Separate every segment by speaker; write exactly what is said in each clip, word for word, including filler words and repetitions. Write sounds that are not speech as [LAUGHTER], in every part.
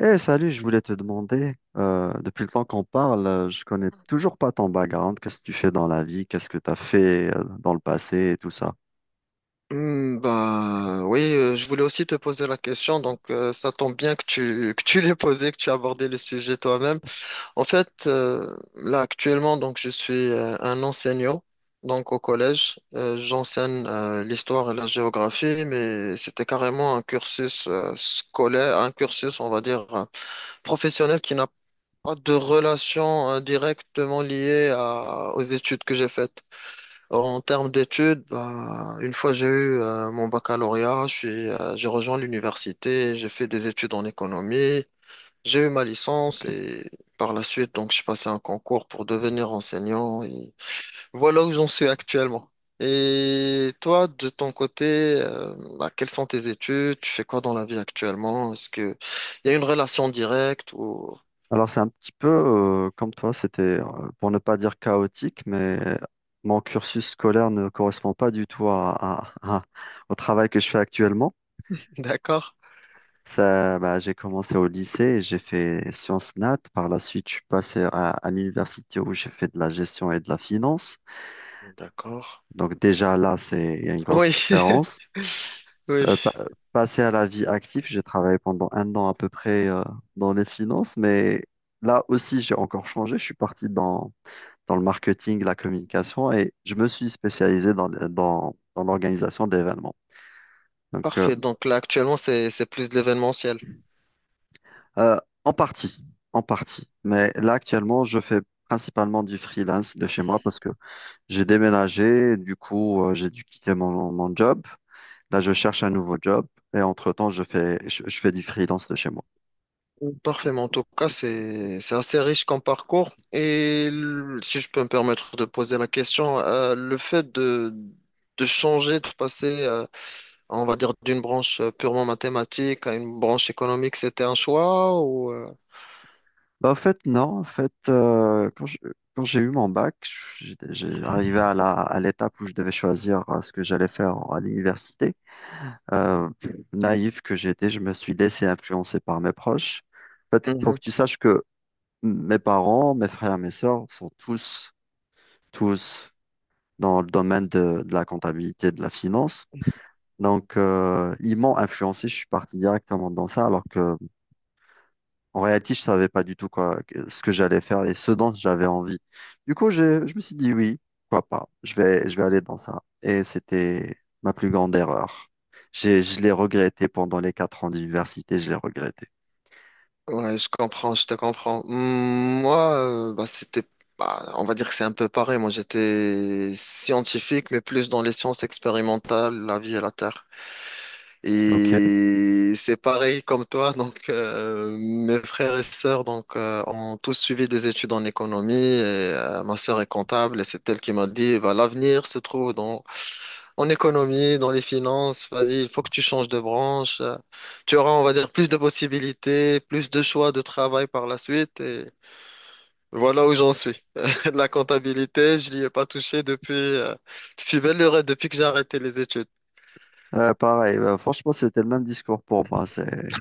Speaker 1: Eh, salut, je voulais te demander, euh, depuis le temps qu'on parle, euh, je connais toujours pas ton background. Qu'est-ce que tu fais dans la vie? Qu'est-ce que tu as fait euh, dans le passé et tout ça?
Speaker 2: Hmm, bah oui, euh, je voulais aussi te poser la question, donc euh, ça tombe bien que tu [LAUGHS] que tu l'aies posé, que tu as abordé le sujet toi-même. En fait, euh, là actuellement, donc je suis euh, un enseignant, donc au collège. Euh, j'enseigne euh, l'histoire et la géographie, mais c'était carrément un cursus euh, scolaire, un cursus, on va dire, euh, professionnel qui n'a pas de relation euh, directement liée à- aux études que j'ai faites. En termes d'études, ben, une fois j'ai eu euh, mon baccalauréat, je suis, euh, j'ai rejoint l'université, j'ai fait des études en économie, j'ai eu ma licence
Speaker 1: Ok.
Speaker 2: et par la suite, donc, je passais un concours pour devenir enseignant et voilà où j'en suis actuellement. Et toi, de ton côté, euh, ben, quelles sont tes études? Tu fais quoi dans la vie actuellement? Est-ce que il y a une relation directe ou...
Speaker 1: Alors c'est un petit peu euh, comme toi, c'était euh, pour ne pas dire chaotique, mais mon cursus scolaire ne correspond pas du tout à, à- à- au travail que je fais actuellement.
Speaker 2: [LAUGHS] D'accord.
Speaker 1: Ça, bah, j'ai commencé au lycée, et j'ai fait sciences nat. Par la suite, je suis passé à, à l'université où j'ai fait de la gestion et de la finance.
Speaker 2: D'accord.
Speaker 1: Donc déjà là, c'est il y a une grosse
Speaker 2: Oui.
Speaker 1: différence.
Speaker 2: [LAUGHS] Oui.
Speaker 1: Euh, pa- passé à la vie active, j'ai travaillé pendant un an à peu près euh, dans les finances, mais là aussi, j'ai encore changé. Je suis parti dans dans le marketing, la communication, et je me suis spécialisé dans, le- dans, dans l'organisation d'événements. Donc, euh,
Speaker 2: Parfait. Donc là, actuellement, c'est c'est plus de l'événementiel.
Speaker 1: euh, en partie, en partie. Mais là, actuellement, je fais principalement du freelance de chez moi parce que j'ai déménagé, du coup, euh, j'ai dû quitter mon, mon job. Là, je cherche un nouveau job et entre-temps, je fais, je, je fais du freelance de chez moi.
Speaker 2: Parfait. Mais en tout cas, c'est c'est assez riche comme parcours. Et l- si je peux me permettre de poser la question, euh, le fait de, de changer, de passer, euh, on va dire, d'une branche euh, purement mathématique à une branche économique, c'était un choix ou euh,
Speaker 1: Bah, en fait, non, en fait, euh, quand je- quand j'ai eu mon bac, j'ai j'ai arrivé à la, à l'étape où je devais choisir euh, ce que j'allais faire à l'université. Euh, naïf que j'étais, je me suis laissé influencer par mes proches. En fait, il faut
Speaker 2: Mhm.
Speaker 1: que tu saches que mes parents, mes frères, mes sœurs sont tous, tous dans le domaine de, de la comptabilité, de la finance. Donc, euh, ils m'ont influencé, je suis parti directement dans ça, alors que En réalité, je savais pas du tout quoi, ce que j'allais faire et ce dont j'avais envie. Du coup, j'ai- je me suis dit oui, pourquoi pas, je vais, je vais aller dans ça. Et c'était ma plus grande erreur. J'ai, je l'ai regretté pendant les quatre ans d'université, je l'ai regretté.
Speaker 2: Ouais, je comprends, je te comprends. Mm, moi, euh, bah, c'était, bah, on va dire que c'est un peu pareil. Moi, j'étais scientifique, mais plus dans les sciences expérimentales, la vie et la terre.
Speaker 1: Ok.
Speaker 2: Et c'est pareil comme toi, donc euh, mes frères et sœurs donc euh, ont tous suivi des études en économie. Et, euh, ma sœur est comptable et c'est elle qui m'a dit bah, l'avenir se trouve dans en économie, dans les finances. Vas-y, il faut que tu changes de branche. Euh, Tu auras, on va dire, plus de possibilités, plus de choix de travail par la suite. Et voilà où j'en suis. [LAUGHS] La comptabilité, je n'y ai pas touché depuis euh, depuis belle lurette, depuis que j'ai arrêté les études.
Speaker 1: Euh, pareil, bah, franchement, c'était le même discours pour moi. C'est...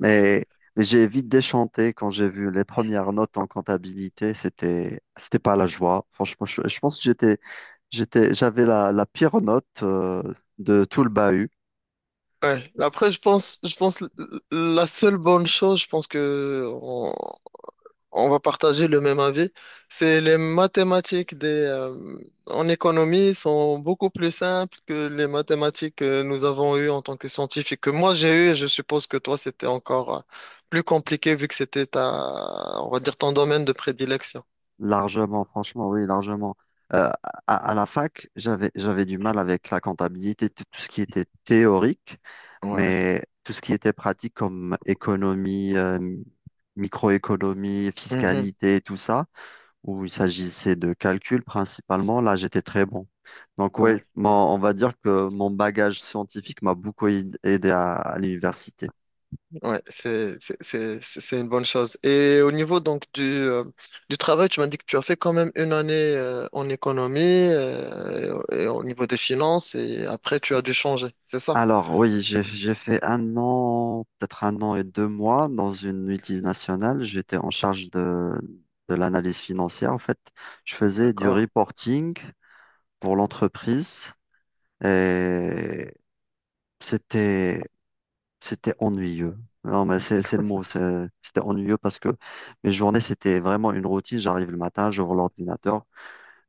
Speaker 1: Mais, mais j'ai vite déchanté quand j'ai vu les premières notes en comptabilité. C'était, c'était pas la joie. Franchement, je, je pense que j'étais, j'étais, j'avais la, la pire note euh, de tout le bahut.
Speaker 2: Ouais. Après, je pense, je pense l- l- la seule bonne chose, je pense que on, on va partager le même avis, c'est les mathématiques des, euh, en économie sont beaucoup plus simples que les mathématiques que nous avons eues en tant que scientifiques, que moi j'ai eues, et je suppose que toi c'était encore euh, plus compliqué vu que c'était ta, on va dire ton domaine de prédilection.
Speaker 1: Largement, franchement, oui, largement. Euh, à, à la fac, j'avais, j'avais du mal avec la comptabilité, tout tout ce qui était théorique,
Speaker 2: Ouais.
Speaker 1: mais tout ce qui était pratique comme économie, euh, microéconomie,
Speaker 2: Mhm.
Speaker 1: fiscalité, tout ça, où il s'agissait de calcul principalement. Là, j'étais très bon. Donc oui,
Speaker 2: Ouais.
Speaker 1: on va dire que mon bagage scientifique m'a beaucoup aid- aidé à, à l'université.
Speaker 2: Ouais, c'est c'est- c'est- c'est- c'est une bonne chose. Et au niveau donc du, euh, du travail, tu m'as dit que tu as fait quand même une année euh, en économie euh, et, au niveau des finances et après tu as dû changer, c'est ça?
Speaker 1: Alors oui, j'ai j'ai fait un an, peut-être un an et deux mois dans une multinationale. J'étais en charge de, de l'analyse financière. En fait, je faisais du
Speaker 2: D'accord.
Speaker 1: reporting pour l'entreprise, et c'était C'était ennuyeux. Non, mais c'est c'est le mot. c'est- C'était ennuyeux parce que mes journées, c'était vraiment une routine. J'arrive le matin, j'ouvre l'ordinateur,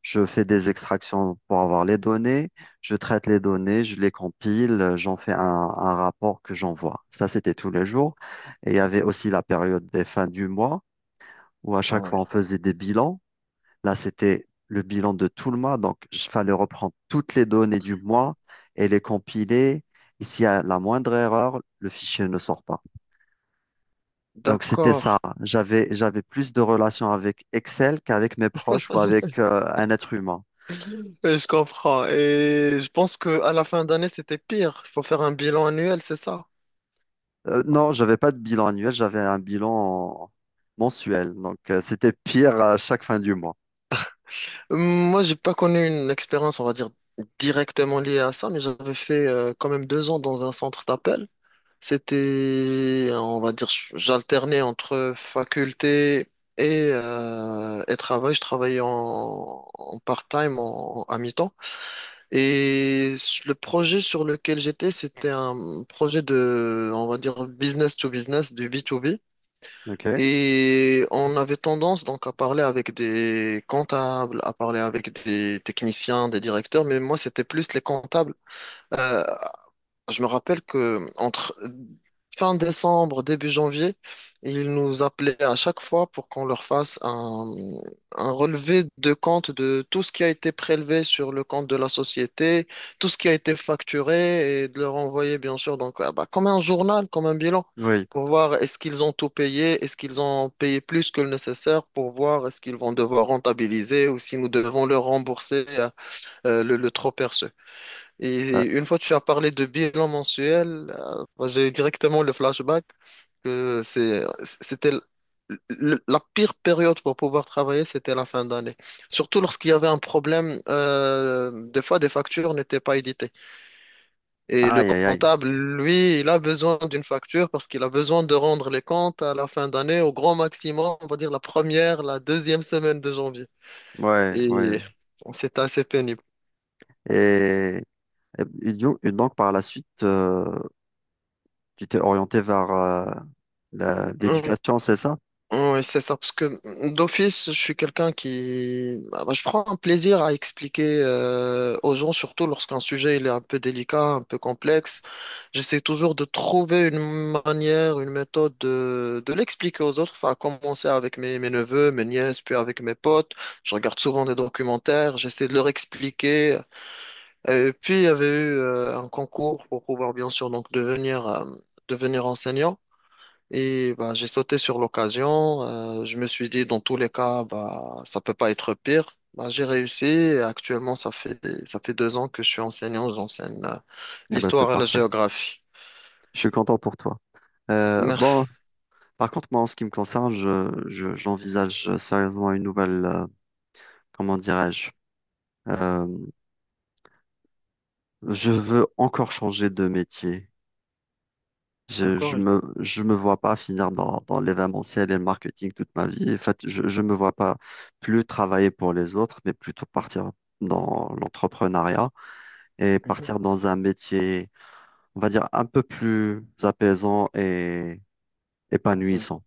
Speaker 1: je fais des extractions pour avoir les données, je traite les données, je les compile, euh, j'en fais un, un rapport que j'envoie. Ça, c'était tous les jours. Et il y avait aussi la période des fins du mois où à
Speaker 2: Ah
Speaker 1: chaque
Speaker 2: ouais.
Speaker 1: fois, on faisait des bilans. Là, c'était le bilan de tout le mois. Donc, il fallait reprendre toutes les données du mois et les compiler. Et s'il y a la moindre erreur, le fichier ne sort pas. Donc, c'était
Speaker 2: D'accord.
Speaker 1: ça. J'avais, j'avais plus de relations avec Excel qu'avec mes proches ou avec
Speaker 2: [LAUGHS]
Speaker 1: euh, un être humain.
Speaker 2: Je comprends. Et je pense que à la fin d'année, c'était pire. Il faut faire un bilan annuel, c'est ça?
Speaker 1: Euh, non, j'avais pas de bilan annuel, j'avais un bilan mensuel. Donc, euh, c'était pire à chaque fin du mois.
Speaker 2: Moi, j'ai pas connu une expérience, on va dire, directement liée à ça, mais j'avais fait euh, quand même deux ans dans un centre d'appel. C'était, on va dire, j'alternais entre faculté et, euh, et travail. Je travaillais en, en part-time, en- à mi-temps. Et le projet sur lequel j'étais, c'était un projet de, on va dire, business to business, du b to b
Speaker 1: OK?
Speaker 2: et on avait tendance donc à parler avec des comptables, à parler avec des techniciens, des directeurs, mais moi c'était plus les comptables. Euh, je me rappelle que entre fin décembre, début janvier, ils nous appelaient à chaque fois pour qu'on leur fasse un, un relevé de compte de tout ce qui a été prélevé sur le compte de la société, tout ce qui a été facturé et de leur envoyer, bien sûr, donc, ah bah, comme un journal, comme un bilan,
Speaker 1: Oui.
Speaker 2: pour voir est-ce qu'ils ont tout payé, est-ce qu'ils ont payé plus que le nécessaire, pour voir est-ce qu'ils vont devoir rentabiliser ou si nous devons leur rembourser euh, euh, le, le trop perçu. Et
Speaker 1: Euh,
Speaker 2: une fois que tu as parlé de bilan mensuel, euh, moi, j'ai eu directement le flashback que c'est, c'était l- l- la pire période pour pouvoir travailler, c'était la fin d'année. Surtout lorsqu'il y avait un problème, euh, des fois des factures n'étaient pas éditées. Et le
Speaker 1: aïe, aïe, aïe.
Speaker 2: comptable, lui, il a besoin d'une facture parce qu'il a besoin de rendre les comptes à la fin d'année au grand maximum, on va dire la première, la deuxième semaine de janvier.
Speaker 1: Ouais, ouais.
Speaker 2: Et c'était assez pénible.
Speaker 1: Et, et du- et donc, par la suite, euh, Tu t'es orienté vers euh, la-
Speaker 2: Hum,
Speaker 1: l'éducation, c'est ça?
Speaker 2: Oui, c'est ça, parce que mm, d'office, je suis quelqu'un qui... ah, bah, je prends un plaisir à expliquer euh, aux gens, surtout lorsqu'un sujet il est un peu délicat, un peu complexe. J'essaie toujours de trouver une manière, une méthode de, de l'expliquer aux autres. Ça a commencé avec mes, mes neveux, mes nièces, puis avec mes potes. Je regarde souvent des documentaires, j'essaie de leur expliquer. Et puis, il y avait eu euh, un concours pour pouvoir, bien sûr, donc devenir, euh, devenir enseignant. Et bah, j'ai sauté sur l'occasion. Euh, je me suis dit, dans tous les cas, bah, ça peut pas être pire. Bah, j'ai réussi. Et actuellement, ça fait, ça fait deux ans que je suis enseignant. J'enseigne euh,
Speaker 1: Eh ben, c'est
Speaker 2: l'histoire et la
Speaker 1: parfait.
Speaker 2: géographie.
Speaker 1: Je suis content pour toi. Euh, bon,
Speaker 2: Merci.
Speaker 1: par contre, moi, en ce qui me concerne, je, je- j'envisage sérieusement une nouvelle, euh, comment dirais-je? Euh, je veux encore changer de métier. Je, je
Speaker 2: D'accord.
Speaker 1: me, je me vois pas finir dans, dans l'événementiel et le marketing toute ma vie. En fait, je, je me vois pas plus travailler pour les autres, mais plutôt partir dans l'entrepreneuriat et
Speaker 2: Mhm.
Speaker 1: partir dans un métier, on va dire, un peu plus apaisant et
Speaker 2: Donc,
Speaker 1: épanouissant.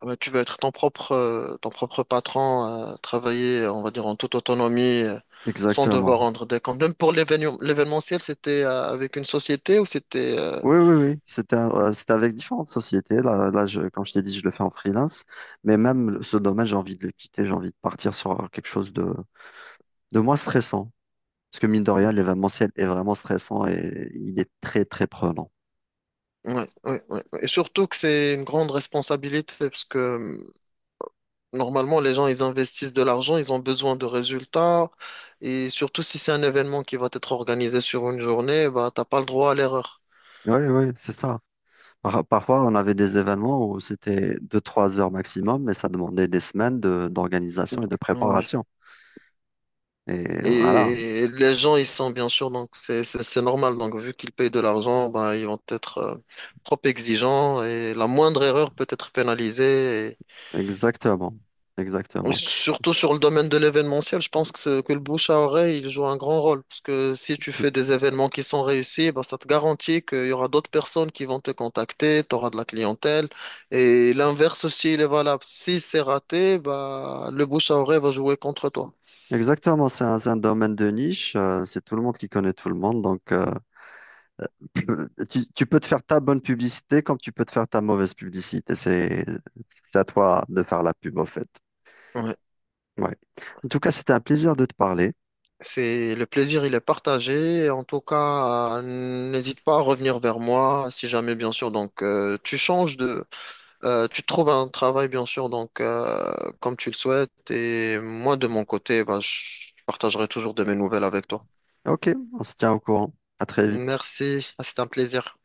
Speaker 2: ah bah, tu vas être ton propre, euh, ton propre patron, euh, travailler, on va dire, en toute autonomie, euh, sans devoir
Speaker 1: Exactement.
Speaker 2: rendre des comptes. Même pour l'événement, l'événementiel, c'était euh, avec une société ou c'était... euh,
Speaker 1: Oui, oui, oui. C'était, euh, c'était avec différentes sociétés. Là, là, je, comme je t'ai dit, je le fais en freelance. Mais même ce domaine, j'ai envie de le quitter. J'ai envie de partir sur quelque chose de, de moins stressant. Parce que mine de rien, l'événementiel est vraiment stressant et il est très, très prenant.
Speaker 2: oui, oui, oui, oui. Et surtout que c'est une grande responsabilité parce que normalement, les gens, ils investissent de l'argent, ils ont besoin de résultats. Et surtout, si c'est un événement qui va être organisé sur une journée, bah, t'as pas le droit à l'erreur.
Speaker 1: Oui, oui, c'est ça. Par- parfois, on avait des événements où c'était deux trois heures maximum, mais ça demandait des semaines de- d'organisation et de
Speaker 2: Ouais.
Speaker 1: préparation. Et voilà,
Speaker 2: Et les gens, ils sont bien sûr, donc c'est c'est- c'est normal. Donc, vu qu'ils payent de l'argent, bah, ils vont être euh, trop exigeants et la moindre erreur peut être pénalisée.
Speaker 1: exactement. Exactement.
Speaker 2: Surtout sur le domaine de l'événementiel, je pense que, c'est- que le bouche à oreille il joue un grand rôle. Parce que si tu fais
Speaker 1: Tout-
Speaker 2: des événements qui sont réussis, ben, ça te garantit qu'il y aura d'autres personnes qui vont te contacter, tu auras de la clientèle. Et l'inverse aussi, il est valable. Si c'est raté, bah, le bouche à oreille va jouer contre toi.
Speaker 1: exactement, c'est un, c'est un domaine de niche. Euh, c'est tout le monde qui connaît tout le monde. Donc, euh, [LAUGHS] [CLEARS THROAT] tu, tu peux te faire ta bonne publicité comme tu peux te faire ta mauvaise publicité. C'est c'est à toi de faire la pub, au fait.
Speaker 2: Ouais.
Speaker 1: Ouais. En tout cas, c'était un plaisir de te parler.
Speaker 2: C'est le plaisir, il est partagé. En tout cas, euh, n'hésite pas à revenir vers moi si jamais, bien sûr. Donc, euh, tu changes de, euh, tu trouves un travail, bien sûr. Donc, euh, comme tu le souhaites. Et moi, de mon côté, bah, je partagerai toujours de mes nouvelles avec toi.
Speaker 1: Ok, on se tient au courant. À très vite.
Speaker 2: Merci, c'était un plaisir.